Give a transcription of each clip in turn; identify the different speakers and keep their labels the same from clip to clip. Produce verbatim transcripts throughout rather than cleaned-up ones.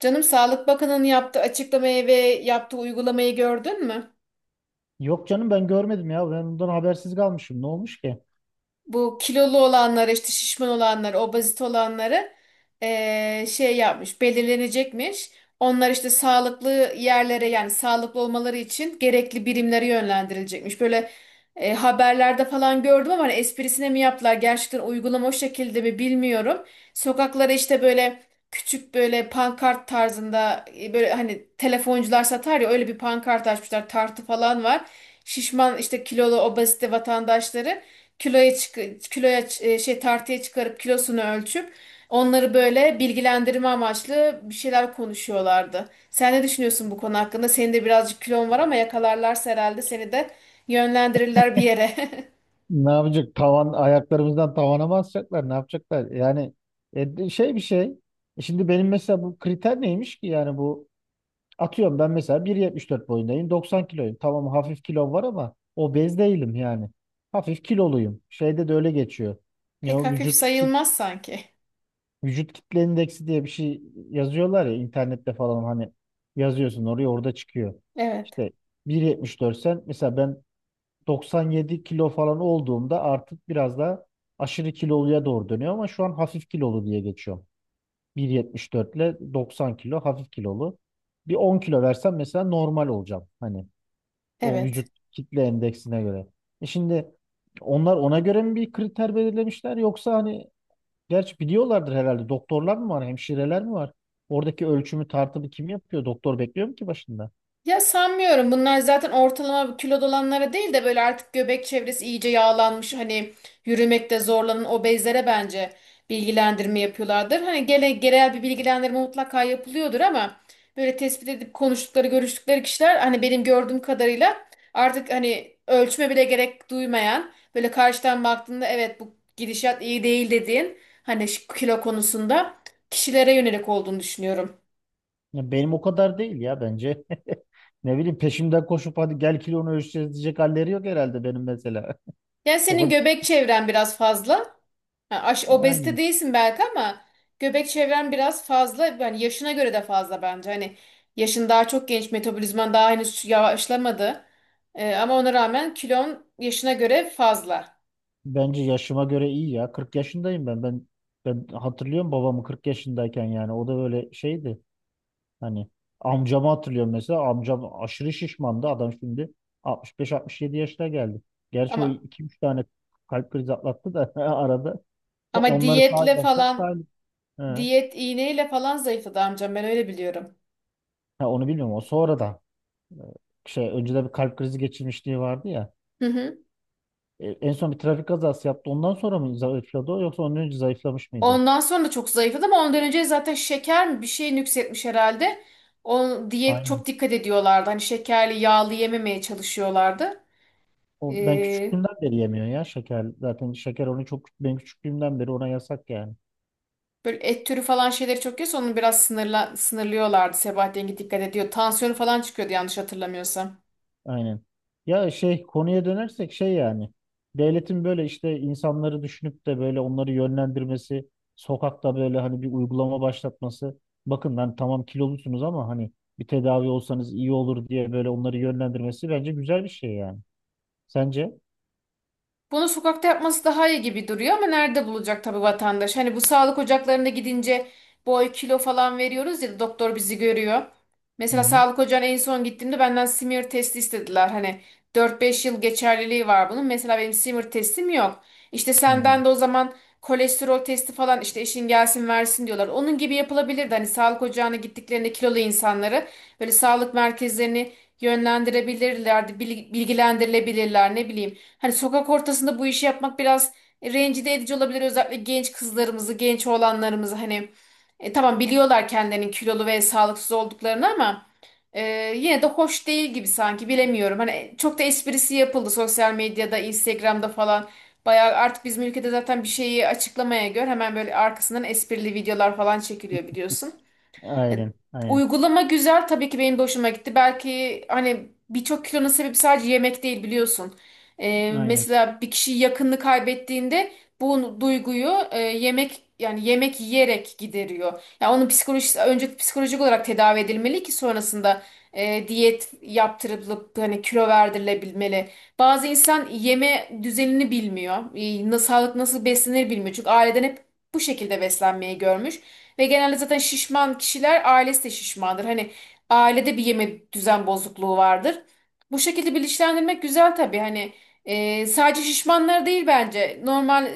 Speaker 1: Canım Sağlık Bakanı'nın yaptığı açıklamayı ve yaptığı uygulamayı gördün mü?
Speaker 2: Yok canım ben görmedim ya. Ben ondan habersiz kalmışım. Ne olmuş ki?
Speaker 1: Bu kilolu olanlara işte şişman olanlara obezite olanları eee, şey yapmış belirlenecekmiş. Onlar işte sağlıklı yerlere yani sağlıklı olmaları için gerekli birimlere yönlendirilecekmiş. Böyle e, haberlerde falan gördüm ama hani esprisine mi yaptılar gerçekten uygulama o şekilde mi bilmiyorum. Sokaklara işte böyle küçük böyle pankart tarzında e, böyle hani telefoncular satar ya öyle bir pankart açmışlar tartı falan var. Şişman işte kilolu obezite vatandaşları kiloya çık kiloya ç- e, şey tartıya çıkarıp kilosunu ölçüp onları böyle bilgilendirme amaçlı bir şeyler konuşuyorlardı. Sen ne düşünüyorsun bu konu hakkında? Senin de birazcık kilon var ama yakalarlarsa herhalde seni de yönlendirirler bir yere.
Speaker 2: Ne yapacak? Tavan ayaklarımızdan tavana mı asacaklar? Ne yapacaklar? Yani e, de- şey bir şey. E Şimdi benim mesela bu kriter neymiş ki? Yani bu atıyorum ben mesela bir yetmiş dört boyundayım. doksan kiloyum. Tamam hafif kilom var ama obez değilim yani. Hafif kiloluyum. Şeyde de öyle geçiyor. Ne
Speaker 1: Pek
Speaker 2: o
Speaker 1: hafif
Speaker 2: vücut kit-
Speaker 1: sayılmaz sanki.
Speaker 2: vücut kitle indeksi diye bir şey yazıyorlar ya internette falan hani yazıyorsun oraya orada çıkıyor.
Speaker 1: Evet,
Speaker 2: İşte bir yetmiş dört sen mesela ben doksan yedi kilo falan olduğumda artık biraz daha aşırı kiloluya doğru dönüyor ama şu an hafif kilolu diye geçiyorum. bir yetmiş dört ile doksan kilo hafif kilolu. Bir on kilo versem mesela normal olacağım. Hani o
Speaker 1: evet.
Speaker 2: vücut kitle endeksine göre. E şimdi onlar ona göre mi bir kriter belirlemişler yoksa hani gerçi biliyorlardır herhalde doktorlar mı var, hemşireler mi var? Oradaki ölçümü tartımı kim yapıyor? Doktor bekliyor mu ki başında?
Speaker 1: Ya sanmıyorum. Bunlar zaten ortalama kilo dolanlara değil de böyle artık göbek çevresi iyice yağlanmış hani yürümekte zorlanan obezlere bence bilgilendirme yapıyorlardır. Hani gene genel bir bilgilendirme mutlaka yapılıyordur ama böyle tespit edip konuştukları, görüştükleri kişiler hani benim gördüğüm kadarıyla artık hani ölçme bile gerek duymayan böyle karşıdan baktığında evet bu gidişat iyi değil dediğin hani şu kilo konusunda kişilere yönelik olduğunu düşünüyorum.
Speaker 2: Ya benim o kadar değil ya bence. Ne bileyim peşimden koşup hadi gel kilonu ölçeceğiz diyecek halleri yok herhalde benim mesela.
Speaker 1: Yani
Speaker 2: O
Speaker 1: senin
Speaker 2: kadar.
Speaker 1: göbek çevren biraz fazla. Ha, aş obezite
Speaker 2: Yani
Speaker 1: değilsin belki ama göbek çevren biraz fazla. Yani yaşına göre de fazla bence. Hani yaşın daha çok genç, metabolizman daha henüz yavaşlamadı. Ee, ama ona rağmen kilon yaşına göre fazla.
Speaker 2: bence yaşıma göre iyi ya. Kırk yaşındayım ben. Ben ben hatırlıyorum babamı kırk yaşındayken yani o da böyle şeydi. Hani amcamı hatırlıyorum mesela. Amcam aşırı şişmandı. Adam şimdi altmış beş altmış yedi yaşına geldi. Gerçi o
Speaker 1: Ama
Speaker 2: iki üç tane kalp krizi atlattı da arada.
Speaker 1: ama
Speaker 2: Onları
Speaker 1: diyetle
Speaker 2: sağlarsak
Speaker 1: falan,
Speaker 2: sağlık. He. Ha,
Speaker 1: diyet iğneyle falan zayıfladı amcam ben öyle biliyorum.
Speaker 2: onu bilmiyorum o sonra da. Şey önceden bir kalp krizi geçirmişliği vardı ya.
Speaker 1: Hı hı.
Speaker 2: E, en son bir trafik kazası yaptı. Ondan sonra mı zayıfladı o yoksa ondan önce zayıflamış mıydı?
Speaker 1: Ondan sonra çok zayıfladı ama ondan önce zaten şeker mi bir şey nüksetmiş herhalde. O diyet
Speaker 2: Aynen.
Speaker 1: çok dikkat ediyorlardı. Hani şekerli, yağlı yememeye çalışıyorlardı.
Speaker 2: O ben
Speaker 1: Ee,
Speaker 2: küçüklüğümden beri yemiyor ya şeker. Zaten şeker onu çok ben küçüklüğümden beri ona yasak yani.
Speaker 1: Böyle et türü falan şeyleri çok yiyorsa onu biraz sınırla, sınırlıyorlardı. Sebahattin Yenge dikkat ediyor. Tansiyonu falan çıkıyordu yanlış hatırlamıyorsam.
Speaker 2: Aynen. Ya şey konuya dönersek şey yani. Devletin böyle işte insanları düşünüp de böyle onları yönlendirmesi, sokakta böyle hani bir uygulama başlatması. Bakın ben tamam kilolusunuz ama hani bir tedavi olsanız iyi olur diye böyle onları yönlendirmesi bence güzel bir şey yani. Sence?
Speaker 1: Bunu sokakta yapması daha iyi gibi duruyor ama nerede bulacak tabii vatandaş? Hani bu sağlık ocaklarına gidince boy kilo falan veriyoruz ya da doktor bizi görüyor.
Speaker 2: Hı
Speaker 1: Mesela
Speaker 2: hı.
Speaker 1: sağlık ocağına en son gittiğimde benden smear testi istediler. Hani dört beş yıl geçerliliği var bunun. Mesela benim smear testim yok. İşte
Speaker 2: Hı.
Speaker 1: senden de o zaman kolesterol testi falan işte eşin gelsin versin diyorlar. Onun gibi yapılabilirdi. Hani sağlık ocağına gittiklerinde kilolu insanları böyle sağlık merkezlerini yönlendirebilirler, bil- bilgilendirilebilirler ne bileyim. Hani sokak ortasında bu işi yapmak biraz rencide edici olabilir, özellikle genç kızlarımızı, genç oğlanlarımızı hani e, tamam biliyorlar kendilerinin kilolu ve sağlıksız olduklarını ama e, yine de hoş değil gibi sanki bilemiyorum. Hani e, çok da esprisi yapıldı sosyal medyada, Instagram'da falan. Bayağı artık bizim ülkede zaten bir şeyi açıklamaya göre hemen böyle arkasından esprili videolar falan çekiliyor biliyorsun. E,
Speaker 2: Aynen, aynen,
Speaker 1: Uygulama güzel tabii ki benim de hoşuma gitti. Belki hani birçok kilonun sebebi sadece yemek değil biliyorsun. E,
Speaker 2: aynen.
Speaker 1: mesela bir kişi yakınını kaybettiğinde bu duyguyu e, yemek yani yemek yiyerek gideriyor. Yani onun psikolojisi önce psikolojik olarak tedavi edilmeli ki sonrasında e, diyet yaptırılıp hani kilo verdirilebilmeli. Bazı insan yeme düzenini bilmiyor. E, na- sağlık nasıl beslenir bilmiyor. Çünkü aileden hep bu şekilde beslenmeyi görmüş. Ve genelde zaten şişman kişiler ailesi de şişmandır. Hani ailede bir yeme düzen bozukluğu vardır. Bu şekilde bilinçlendirmek güzel tabii. Hani e, sadece şişmanlar değil bence. Normal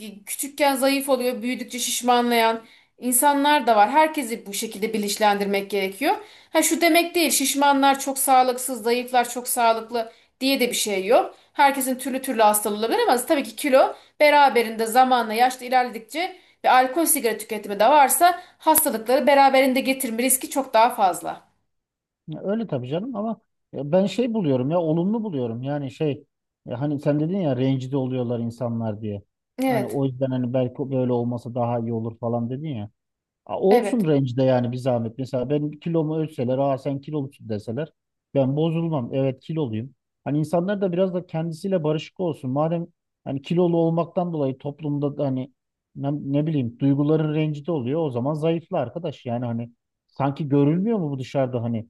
Speaker 1: e, küçükken zayıf oluyor, büyüdükçe şişmanlayan insanlar da var. Herkesi bu şekilde bilinçlendirmek gerekiyor. Ha şu demek değil, şişmanlar çok sağlıksız, zayıflar çok sağlıklı diye de bir şey yok. Herkesin türlü türlü hastalığı olabilir ama tabii ki kilo beraberinde zamanla yaşlı ilerledikçe ve alkol sigara tüketimi de varsa hastalıkları beraberinde getirme riski çok daha fazla.
Speaker 2: Ya öyle tabii canım ama ya ben şey buluyorum ya olumlu buluyorum. Yani şey ya hani sen dedin ya rencide oluyorlar insanlar diye. Hani
Speaker 1: Evet,
Speaker 2: o yüzden hani belki böyle olmasa daha iyi olur falan dedin ya. A, Olsun
Speaker 1: evet.
Speaker 2: rencide yani bir zahmet. Mesela ben kilomu ölçseler, aa sen kilolusun deseler ben bozulmam. Evet kiloluyum. Hani insanlar da biraz da kendisiyle barışık olsun. Madem hani kilolu olmaktan dolayı toplumda da hani ne, ne bileyim duyguların rencide oluyor o zaman zayıfla arkadaş. Yani hani sanki görülmüyor mu bu dışarıda hani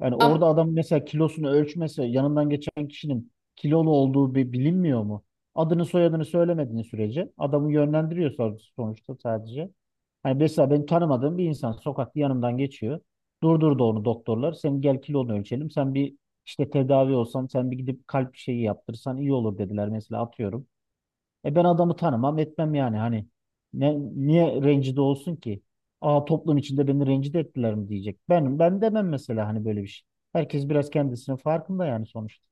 Speaker 2: yani
Speaker 1: Am-
Speaker 2: orada adam mesela kilosunu ölçmese yanından geçen kişinin kilolu olduğu bi- bilinmiyor mu? Adını soyadını söylemediğin sürece adamı yönlendiriyor son- sonuçta sadece. Hani mesela ben tanımadığım bir insan sokakta yanımdan geçiyor. Durdurdu onu doktorlar. Sen gel kilonu ölçelim. Sen bir işte tedavi olsan sen bir gidip kalp şeyi yaptırsan iyi olur dediler mesela atıyorum. E ben adamı tanımam etmem yani hani ne, niye rencide olsun ki? Aa toplum içinde beni rencide ettiler mi diyecek. Ben ben demem mesela hani böyle bir şey. Herkes biraz kendisinin farkında yani sonuçta.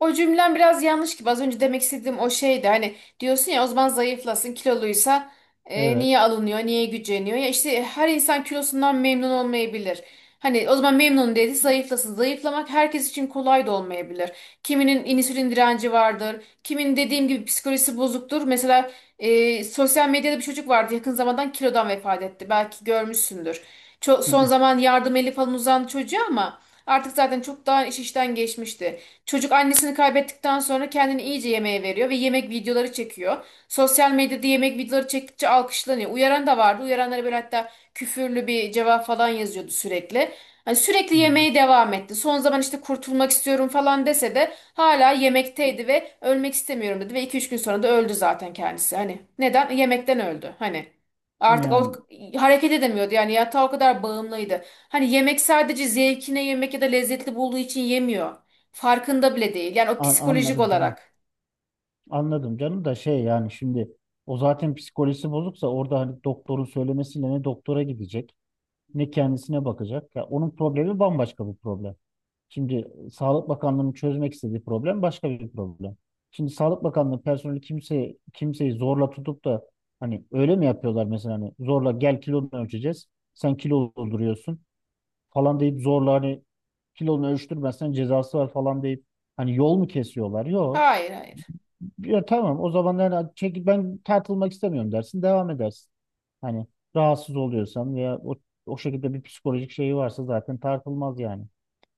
Speaker 1: o cümlem biraz yanlış gibi. Az önce demek istediğim o şeydi. Hani diyorsun ya o zaman zayıflasın, kiloluysa e,
Speaker 2: Evet.
Speaker 1: niye alınıyor, niye güceniyor? Ya işte her insan kilosundan memnun olmayabilir. Hani o zaman memnun dedi zayıflasın. Zayıflamak herkes için kolay da olmayabilir. Kiminin insülin direnci vardır. Kimin dediğim gibi psikolojisi bozuktur. Mesela e, sosyal medyada bir çocuk vardı yakın zamandan kilodan vefat etti. Belki görmüşsündür. Ço-
Speaker 2: Hı
Speaker 1: son
Speaker 2: hı.
Speaker 1: zaman yardım eli falan uzan çocuğa ama artık zaten çok daha iş işten geçmişti. Çocuk annesini kaybettikten sonra kendini iyice yemeğe veriyor ve yemek videoları çekiyor. Sosyal medyada yemek videoları çektikçe alkışlanıyor. Uyaran da vardı. Uyaranlara böyle hatta küfürlü bir cevap falan yazıyordu sürekli. Hani sürekli
Speaker 2: Hı.
Speaker 1: yemeğe devam etti. Son zaman işte kurtulmak istiyorum falan dese de hala yemekteydi ve ölmek istemiyorum dedi ve iki üç gün sonra da öldü zaten kendisi. Hani neden? Yemekten öldü. Hani artık o
Speaker 2: Yani
Speaker 1: hareket edemiyordu. Yani yatağa o kadar bağımlıydı. Hani yemek sadece zevkine yemek ya da lezzetli bulduğu için yemiyor. Farkında bile değil. Yani o
Speaker 2: a-
Speaker 1: psikolojik
Speaker 2: anladım canım.
Speaker 1: olarak.
Speaker 2: Anladım canım da şey yani şimdi o zaten psikolojisi bozuksa orada hani doktorun söylemesiyle ne doktora gidecek ne kendisine bakacak. Ya onun problemi bambaşka bir problem. Şimdi Sağlık Bakanlığı'nın çözmek istediği problem başka bir problem. Şimdi Sağlık Bakanlığı personeli kimseyi, kimseyi zorla tutup da hani öyle mi yapıyorlar mesela hani zorla gel kilonu ölçeceğiz. Sen kilo dolduruyorsun falan deyip zorla hani kilonu ölçtürmezsen cezası var falan deyip hani yol mu kesiyorlar? Yok.
Speaker 1: Hayır, hayır.
Speaker 2: Ya tamam o zaman yani çekil ben tartılmak istemiyorum dersin devam edersin. Hani rahatsız oluyorsan veya o, o şekilde bir psikolojik şeyi varsa zaten tartılmaz yani.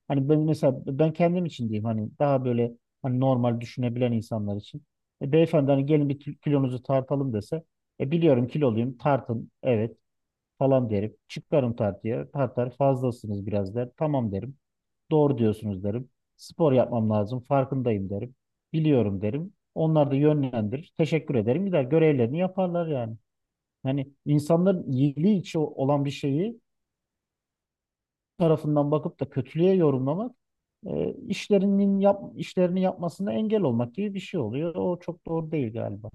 Speaker 2: Hani ben mesela ben kendim için diyeyim hani daha böyle hani normal düşünebilen insanlar için. E, beyefendi hani gelin bir kil- kilonuzu tartalım dese e, biliyorum kiloluyum tartın evet falan derim. Çıkarım tartıya tartar fazlasınız biraz der. Tamam derim. Doğru diyorsunuz derim. Spor yapmam lazım farkındayım derim. Biliyorum derim. Onlar da yönlendirir. Teşekkür ederim. Gider görevlerini yaparlar yani. Hani insanların iyiliği için olan bir şeyi tarafından bakıp da kötülüğe yorumlamak e, işlerinin yap, işlerini yapmasına engel olmak gibi bir şey oluyor. O çok doğru değil galiba.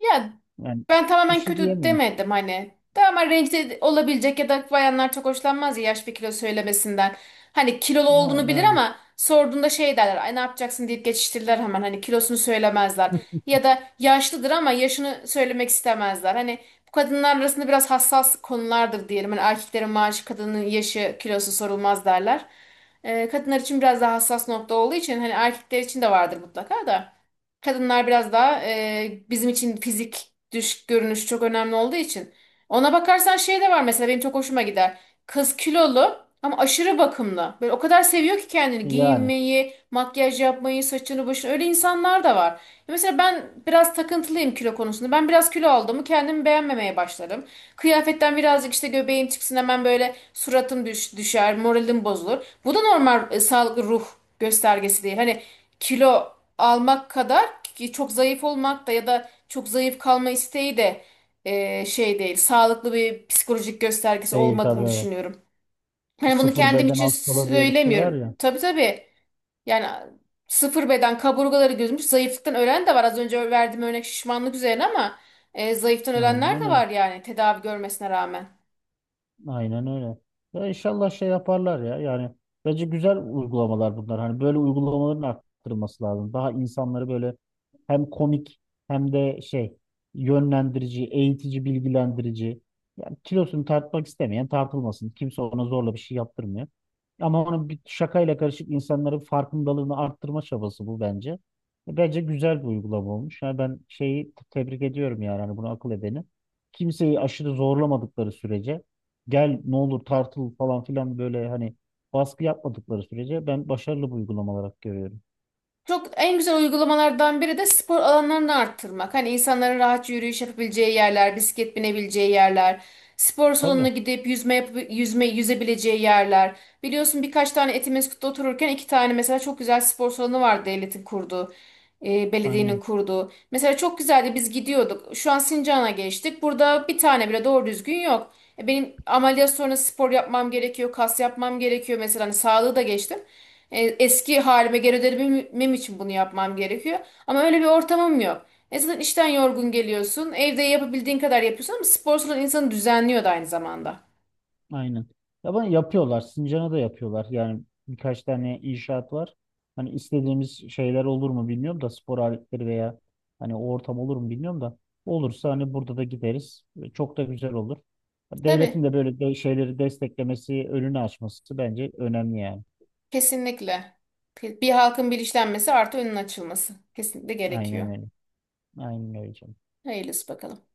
Speaker 1: Ya
Speaker 2: Yani
Speaker 1: ben
Speaker 2: bir
Speaker 1: tamamen
Speaker 2: şey
Speaker 1: kötü
Speaker 2: diyemiyorum.
Speaker 1: demedim hani. Tamamen rencide olabilecek ya da bayanlar çok hoşlanmaz ya yaş bir kilo söylemesinden. Hani kilolu
Speaker 2: Ha,
Speaker 1: olduğunu bilir
Speaker 2: yani
Speaker 1: ama sorduğunda şey derler. Ay ne yapacaksın deyip geçiştirirler hemen. Hani kilosunu söylemezler. Ya da yaşlıdır ama yaşını söylemek istemezler. Hani bu kadınlar arasında biraz hassas konulardır diyelim. Hani erkeklerin maaşı, kadının yaşı, kilosu sorulmaz derler. Ee, kadınlar için biraz daha hassas nokta olduğu için hani erkekler için de vardır mutlaka da. Kadınlar biraz daha e, bizim için fizik dış görünüş çok önemli olduğu için. Ona bakarsan şey de var mesela benim çok hoşuma gider. Kız kilolu ama aşırı bakımlı. Böyle o kadar seviyor ki kendini
Speaker 2: yani
Speaker 1: giyinmeyi, makyaj yapmayı, saçını başını, öyle insanlar da var. Mesela ben biraz takıntılıyım kilo konusunda. Ben biraz kilo aldığımı kendimi beğenmemeye başlarım. Kıyafetten birazcık işte göbeğim çıksın hemen böyle suratım düş, düşer, moralim bozulur. Bu da normal e, sağlıklı ruh göstergesi değil. Hani kilo almak kadar ki çok zayıf olmak da ya da çok zayıf kalma isteği de e, şey değil. Sağlıklı bir psikolojik göstergesi
Speaker 2: değil tabii
Speaker 1: olmadığını
Speaker 2: evet.
Speaker 1: düşünüyorum. Hani bunu
Speaker 2: Sıfır
Speaker 1: kendim
Speaker 2: beden
Speaker 1: için
Speaker 2: hastalığı diye bir şey var
Speaker 1: söylemiyorum.
Speaker 2: ya.
Speaker 1: Tabii tabii. Yani sıfır beden kaburgaları gözümüş. Zayıflıktan ölen de var. Az önce verdiğim örnek şişmanlık üzerine ama e, zayıftan
Speaker 2: Aynen
Speaker 1: ölenler de
Speaker 2: öyle.
Speaker 1: var yani tedavi görmesine rağmen.
Speaker 2: Aynen öyle. Ya inşallah şey yaparlar ya. Yani bence güzel uygulamalar bunlar. Hani böyle uygulamaların arttırılması lazım. Daha insanları böyle hem komik hem de şey yönlendirici, eğitici, bilgilendirici. Yani kilosunu tartmak istemeyen tartılmasın. Kimse ona zorla bir şey yaptırmıyor. Ama onun bir şakayla karışık insanların farkındalığını arttırma çabası bu bence. Bence güzel bir uygulama olmuş. Yani ben şeyi tebrik ediyorum yani hani bunu akıl edeni. Kimseyi aşırı zorlamadıkları sürece gel ne olur tartıl falan filan böyle hani baskı yapmadıkları sürece ben başarılı bu uygulama olarak görüyorum.
Speaker 1: Çok en güzel uygulamalardan biri de spor alanlarını arttırmak. Hani insanların rahatça yürüyüş yapabileceği yerler, bisiklet binebileceği yerler, spor salonuna
Speaker 2: Tabii
Speaker 1: gidip yüzme yapıp yüzme yüzebileceği yerler. Biliyorsun birkaç tane Etimesgut'ta otururken iki tane mesela çok güzel spor salonu vardı devletin kurduğu, e, belediyenin
Speaker 2: aynen
Speaker 1: kurduğu. Mesela çok güzeldi biz gidiyorduk. Şu an Sincan'a geçtik. Burada bir tane bile doğru düzgün yok. E, Benim ameliyat sonrası spor yapmam gerekiyor, kas yapmam gerekiyor mesela hani sağlığı da geçtim. E, Eski halime geri dönebilmem için bunu yapmam gerekiyor. Ama öyle bir ortamım yok. E zaten işten yorgun geliyorsun. Evde yapabildiğin kadar yapıyorsun ama spor salonu insanı düzenliyor da aynı zamanda.
Speaker 2: aynen. Ya ben yapıyorlar Sincan'a da yapıyorlar yani birkaç tane inşaat var. Hani istediğimiz şeyler olur mu bilmiyorum da spor aletleri veya hani o ortam olur mu bilmiyorum da olursa hani burada da gideriz. Çok da güzel olur. Devletin
Speaker 1: Tabii,
Speaker 2: de böyle de şeyleri desteklemesi, önünü açması bence önemli yani.
Speaker 1: kesinlikle. Bir halkın bilinçlenmesi artı önün açılması. Kesinlikle
Speaker 2: Aynen
Speaker 1: gerekiyor.
Speaker 2: öyle. Aynen öyle canım.
Speaker 1: Hayırlısı bakalım.